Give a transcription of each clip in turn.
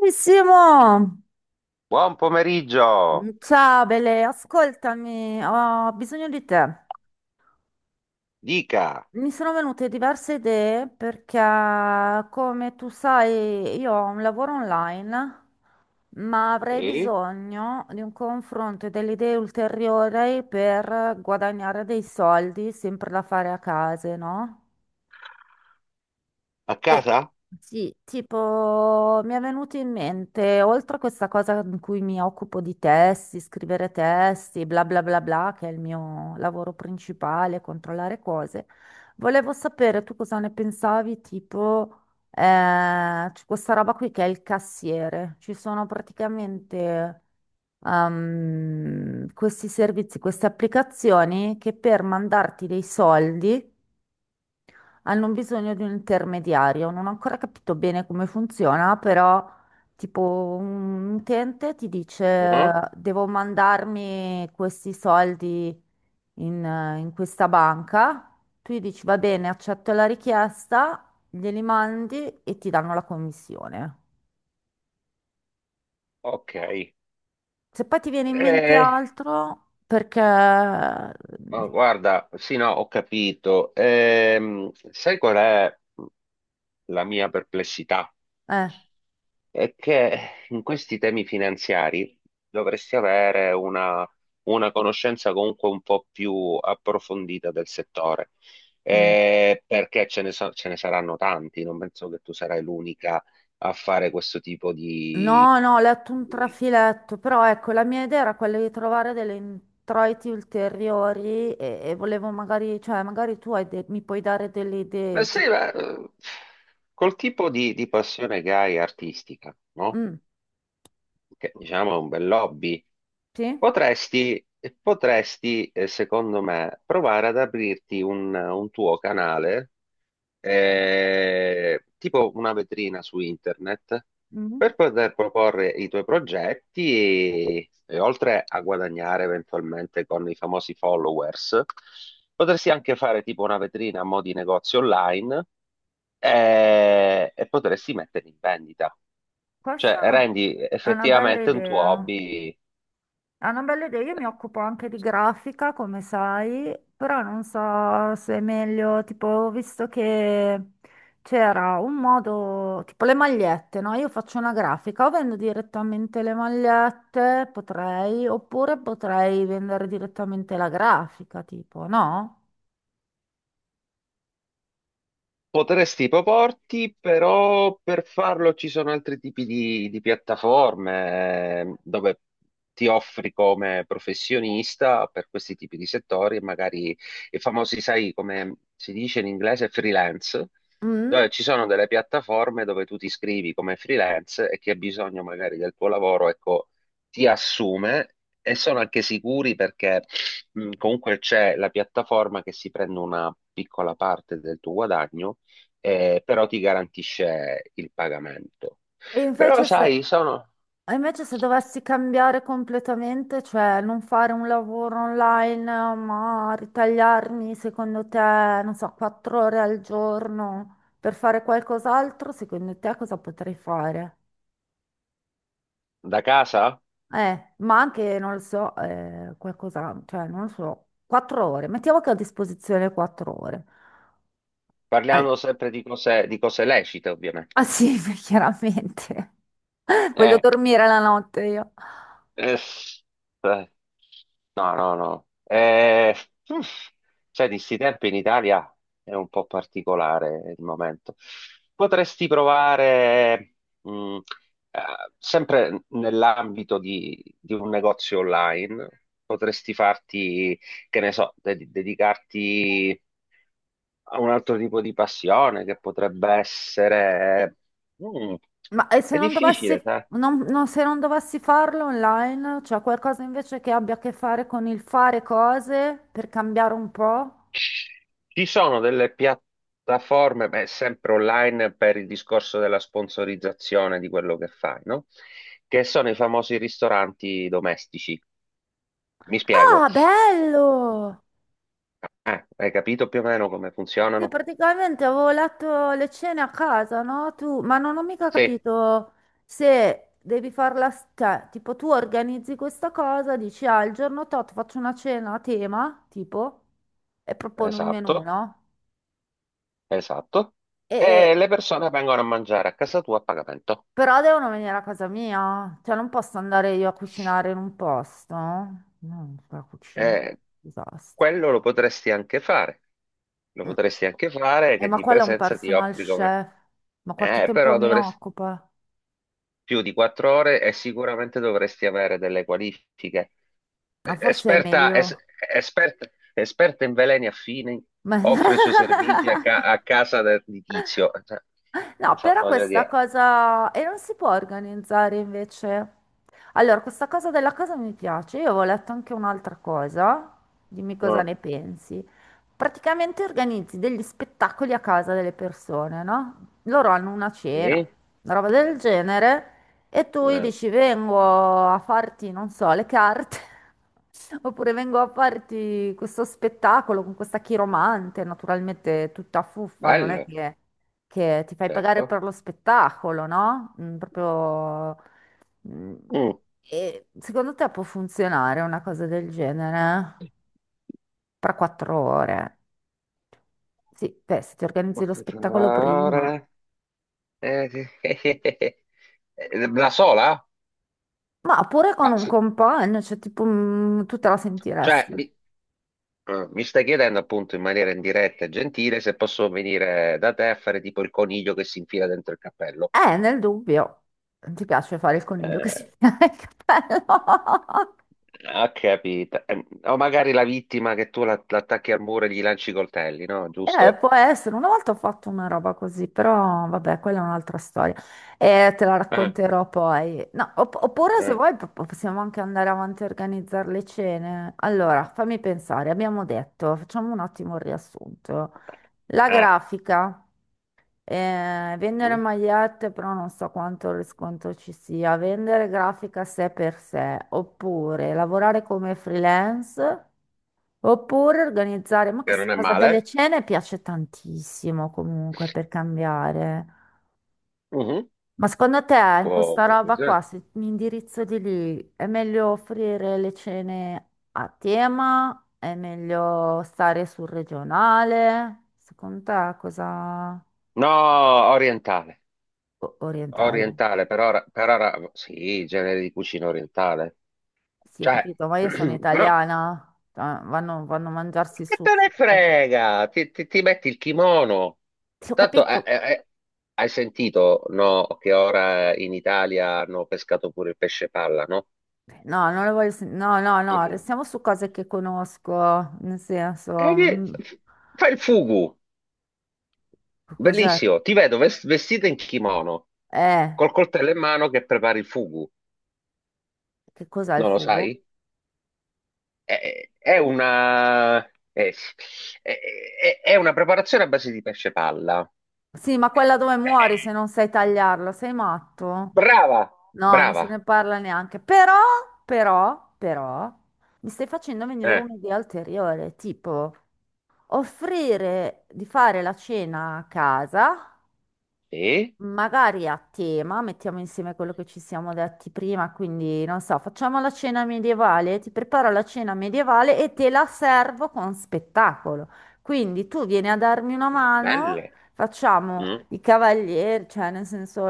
Bravissimo! Buon pomeriggio! Ciao Bele, ascoltami, ho bisogno di te. Dica. Mi sono venute diverse idee perché, come tu sai, io ho un lavoro online, ma avrei Sì? bisogno di un confronto e delle idee ulteriori per guadagnare dei soldi, sempre da fare a casa, no? A Eh, casa? Sì, tipo mi è venuto in mente, oltre a questa cosa in cui mi occupo di testi, scrivere testi, bla bla bla bla, che è il mio lavoro principale, controllare cose, volevo sapere tu cosa ne pensavi, eh, c'è questa roba qui che è il cassiere. Ci sono praticamente, questi servizi, queste applicazioni che per mandarti dei soldi hanno bisogno di un intermediario. Non ho ancora capito bene come funziona, però tipo un utente ti dice Mhm. devo mandarmi questi soldi in questa banca. Tu gli dici va bene, accetto la richiesta, glieli mandi e ti danno la commissione. Ok. Se poi ti viene in mente Eh, altro, perché... ma guarda, sì, no, ho capito. Sai qual è la mia perplessità? Eh, È che in questi temi finanziari dovresti avere una conoscenza comunque un po' più approfondita del settore. mm. Perché ce ne saranno tanti, non penso che tu sarai l'unica a fare questo tipo No, no, ho letto un di- trafiletto, però ecco, la mia idea era quella di trovare delle introiti ulteriori e volevo magari, cioè magari tu hai mi puoi dare delle Ma idee, sì, tipo, ma, col tipo di passione che hai artistica, no? mm, Che diciamo è un bel hobby. sì? Potresti, potresti, eh, secondo me, provare ad aprirti un tuo canale, Mm, tipo una vetrina su internet, mm. per poter proporre i tuoi progetti e oltre a guadagnare eventualmente con i famosi followers. Potresti anche fare tipo una vetrina a mo' di negozio online, e potresti metterli in vendita. Cioè, Questa rendi è una bella effettivamente un tuo idea. hobby. È una bella idea, io mi occupo anche di grafica, come sai, però non so se è meglio, tipo, ho visto che c'era un modo, tipo le magliette, no? Io faccio una grafica, o vendo direttamente le magliette, potrei, oppure potrei vendere direttamente la grafica, tipo, no? Potresti proporti, però per farlo ci sono altri tipi di piattaforme, dove ti offri come professionista per questi tipi di settori, e magari i famosi, sai, come si dice in inglese, freelance, Mm? dove ci sono delle piattaforme dove tu ti iscrivi come freelance e chi ha bisogno magari del tuo lavoro, ecco, ti assume e sono anche sicuri perché comunque c'è la piattaforma che si prende una piccola parte del tuo guadagno, però ti garantisce il pagamento. E Però invece se, sai, sono e invece se dovessi cambiare completamente, cioè non fare un lavoro online, ma ritagliarmi, secondo te, non so, quattro ore al giorno per fare qualcos'altro, secondo te cosa potrei fare? da casa, Ma anche, non lo so, qualcosa, cioè non lo so, quattro ore, mettiamo che ho a disposizione quattro ore. Al- parliamo sempre di cose lecite, ah ovviamente. sì, chiaramente, voglio Eh, dormire la notte io. Eh, eh, no, no, no. Uff, cioè, di sti tempi in Italia è un po' particolare il momento. Potresti provare, mh, sempre nell'ambito di un negozio online, potresti farti, che ne so, dedicarti a un altro tipo di passione che potrebbe essere... mm, Ma e se è non dovessi, difficile. Se non dovessi farlo online, c'è qualcosa invece che abbia a che fare con il fare cose per cambiare un po'? Ci sono delle piattaforme, beh, sempre online per il discorso della sponsorizzazione di quello che fai, no? Che sono i famosi ristoranti domestici. Mi spiego. Ah, bello! Hai capito più o meno come Sì, funzionano? praticamente avevo letto le cene a casa, no? Tu, ma non ho mica Sì, capito se devi farla, cioè, tipo tu organizzi questa cosa, dici, ah, il giorno tot faccio una cena a tema, tipo, e proponi un esatto, menù, no? esatto. E, E le persone vengono a mangiare a casa tua a pagamento. però devono venire a casa mia, cioè non posso andare io a cucinare in un posto. No, la cucina, Eh, disastro. quello lo potresti anche fare. Lo Mm. potresti anche fare che Ma di quello è un presenza ti personal offri come. chef. Ma quanto Eh, tempo però mi dovresti occupa? più di quattro ore e sicuramente dovresti avere delle qualifiche. Ah, forse è Esperta, meglio. esperta, esperta in veleni affini, Ma... offre i suoi servizi a casa di Tizio. Cioè, No, insomma, però voglio questa dire. cosa... E non si può organizzare invece. Allora, questa cosa della casa mi piace. Io avevo letto anche un'altra cosa. Dimmi cosa Mm. ne pensi. Praticamente organizzi degli spettacoli a casa delle persone, no? Loro hanno una cena, Sì? una roba del genere, e tu gli Eh, dici vengo a farti, non so, le carte, oppure vengo a farti questo spettacolo con questa chiromante, naturalmente tutta fuffa, non è bello, che ti fai pagare certo. per lo spettacolo, no? Mm, proprio... mm, Mm. e secondo te può funzionare una cosa del genere? Per quattro ore? Sì, beh, se ti organizzi lo Quattro spettacolo prima. ore. Eh, eh, La sola? Ma pure con Ma, un compagno, cioè tipo mm, tu te la cioè, sentiresti. Ah, mi stai chiedendo appunto in maniera indiretta e gentile se posso venire da te a fare tipo il coniglio che si infila dentro il cappello. Nel dubbio. Non ti piace fare il coniglio che si Eh, tira il cappello? ho capito. O magari la vittima che tu l'attacchi al muro e gli lanci i coltelli, no? Giusto? può essere, una volta ho fatto una roba così, però vabbè, quella è un'altra storia e te la Eh, racconterò poi. No, oppure se eh, vuoi possiamo anche andare avanti a organizzare le cene. Allora, fammi pensare, abbiamo detto, facciamo un attimo il riassunto. La eh. grafica, vendere Mm. magliette, però non so quanto riscontro ci sia, vendere grafica sé per sé, oppure lavorare come freelance. Oppure organizzare, ma Che questa non è cosa delle male. cene piace tantissimo comunque per cambiare. Mhm. Ma secondo te in questa Può roba qua, funzionare. se mi indirizzo di lì, è meglio offrire le cene a tema? È meglio stare sul regionale? Secondo te cosa... No, orientale. Orientale? Orientale, per ora sì, genere di cucina orientale. Sì, ho Cioè, capito, ma io sono però. italiana. Cioè, vanno, vanno a mangiarsi il Che te ne sushi. frega? Ti metti il kimono. Ti ho Tanto capito, hai sentito, no, che ora in Italia hanno pescato pure il pesce palla, no? no, non lo voglio no, no, no, Mhm. restiamo su cose che conosco, nel senso, E che- mm, Fai il fugu, che cos'è? bellissimo. Ti vedo vestita in kimono, Eh, col coltello in mano che prepari il fugu. che cos'è il Non lo sai? fugo? È, è una, è, è una preparazione a base di pesce palla. Sì, ma quella dove Eh, muori se eh, non sai tagliarlo, sei matto? Brava, No, non se brava. ne parla neanche. Però, però, però, mi stai facendo venire Eh. un'idea ulteriore, tipo offrire di fare la cena a casa. Sì, Magari a tema, mettiamo insieme quello che ci siamo detti prima, quindi non so, facciamo la cena medievale, ti preparo la cena medievale e te la servo con spettacolo. Quindi tu vieni a darmi una mano, belle. facciamo Mm, i cavalieri, cioè nel senso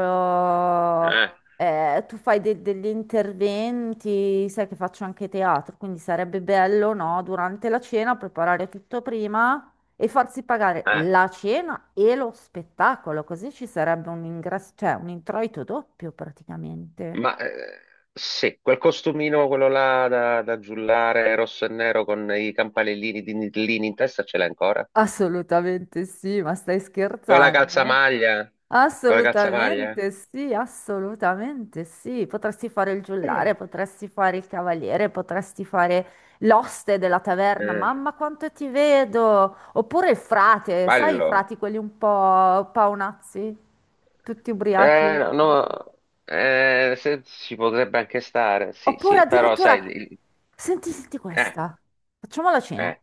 eh, tu fai degli interventi, sai che faccio anche teatro, quindi sarebbe bello, no, durante la cena preparare tutto prima e farsi pagare eh. la cena e lo spettacolo, così ci sarebbe un ingresso, cioè un introito doppio praticamente. Ma sì, quel costumino, quello là da giullare rosso e nero con i campanellini di nidlini in testa, ce l'hai ancora? Assolutamente sì, ma stai Con la scherzando? calzamaglia? Con la calzamaglia? Assolutamente sì, assolutamente sì. Potresti fare il giullare, Eh, potresti fare il cavaliere, potresti fare l'oste della taverna, eh, mamma quanto ti vedo! Oppure il frate, sai i bello. frati quelli un po' paonazzi, tutti Eh, ubriachi? no, Boh, no, ci potrebbe anche stare, sì, oppure sì, però sai, addirittura, senti, senti eh, questa, facciamo la cena, eh,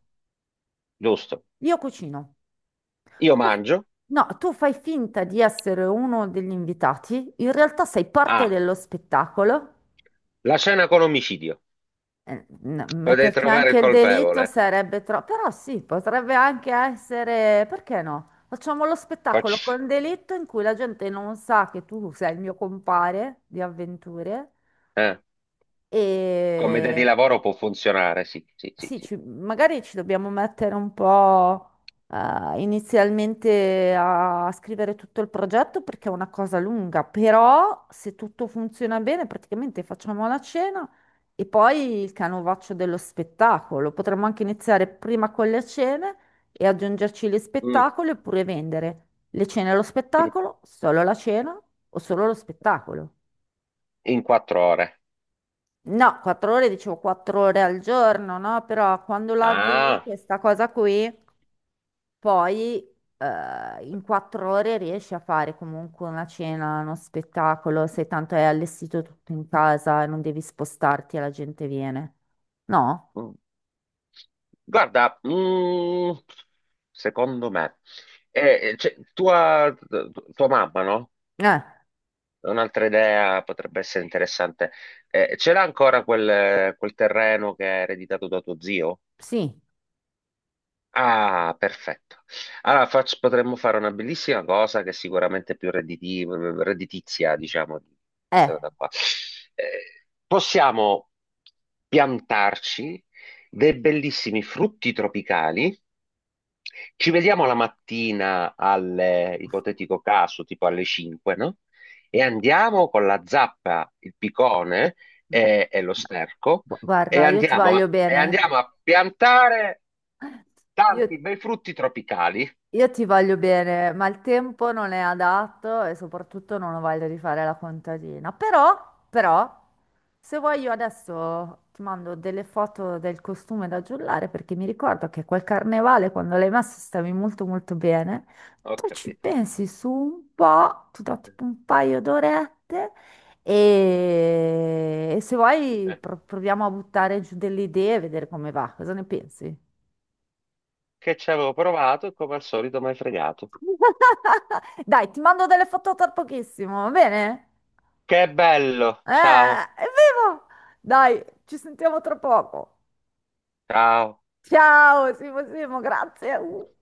giusto. io cucino. Io Tu- mangio. No, tu fai finta di essere uno degli invitati, in realtà sei parte Ah, dello spettacolo. la cena con omicidio. Potete Metterci trovare il anche il delitto colpevole. sarebbe troppo, però sì, potrebbe anche essere, perché no? Facciamo lo spettacolo Facci- con delitto in cui la gente non sa che tu sei il mio compare di avventure eh. Come idea di e, lavoro può funzionare, sì, sì, sì, sì, sì. Magari ci dobbiamo mettere un po' inizialmente a scrivere tutto il progetto perché è una cosa lunga, però se tutto funziona bene, praticamente facciamo la cena e poi il canovaccio dello spettacolo. Potremmo anche iniziare prima con le cene e aggiungerci gli Mm. spettacoli oppure vendere le cene e lo In spettacolo, solo la cena o solo lo spettacolo. in quattro ore. No, quattro ore, dicevo quattro ore al giorno, no? Però quando la vi, Ah. questa cosa qui. Poi in quattro ore riesci a fare comunque una cena, uno spettacolo, se tanto è allestito tutto in casa e non devi spostarti e la gente viene. No? Mm. Guarda, secondo me, cioè, tua mamma, no? Eh, È un'altra idea potrebbe essere interessante. Ce l'ha ancora quel terreno che è ereditato da tuo zio? sì, Ah, perfetto. Allora potremmo fare una bellissima cosa che è sicuramente più redditizia, diciamo, di eh. questa cosa qua. Possiamo piantarci dei bellissimi frutti tropicali. Ci vediamo la mattina al ipotetico caso, tipo alle 5, no? E andiamo con la zappa, il picone No. e lo sterco guarda, io ti voglio e bene. andiamo a piantare Io tanti bei frutti tropicali. Io ti voglio bene, ma il tempo non è adatto e soprattutto non ho voglia di fare la contadina. Però, però, se vuoi io adesso ti mando delle foto del costume da giullare perché mi ricordo che quel carnevale quando l'hai messo stavi molto molto bene. Ho Tu ci capito. pensi su un po', ti do tipo un paio d'orette e se vuoi Eh. Proviamo a buttare giù delle idee e vedere come va. Cosa ne pensi? Che ci avevo provato e come al solito mi hai fregato. Dai, ti mando delle foto tra pochissimo, va bene? Che bello! Ciao, È vivo! Dai, ci sentiamo tra poco. ciao. Ciao, Simo, Simo, grazie.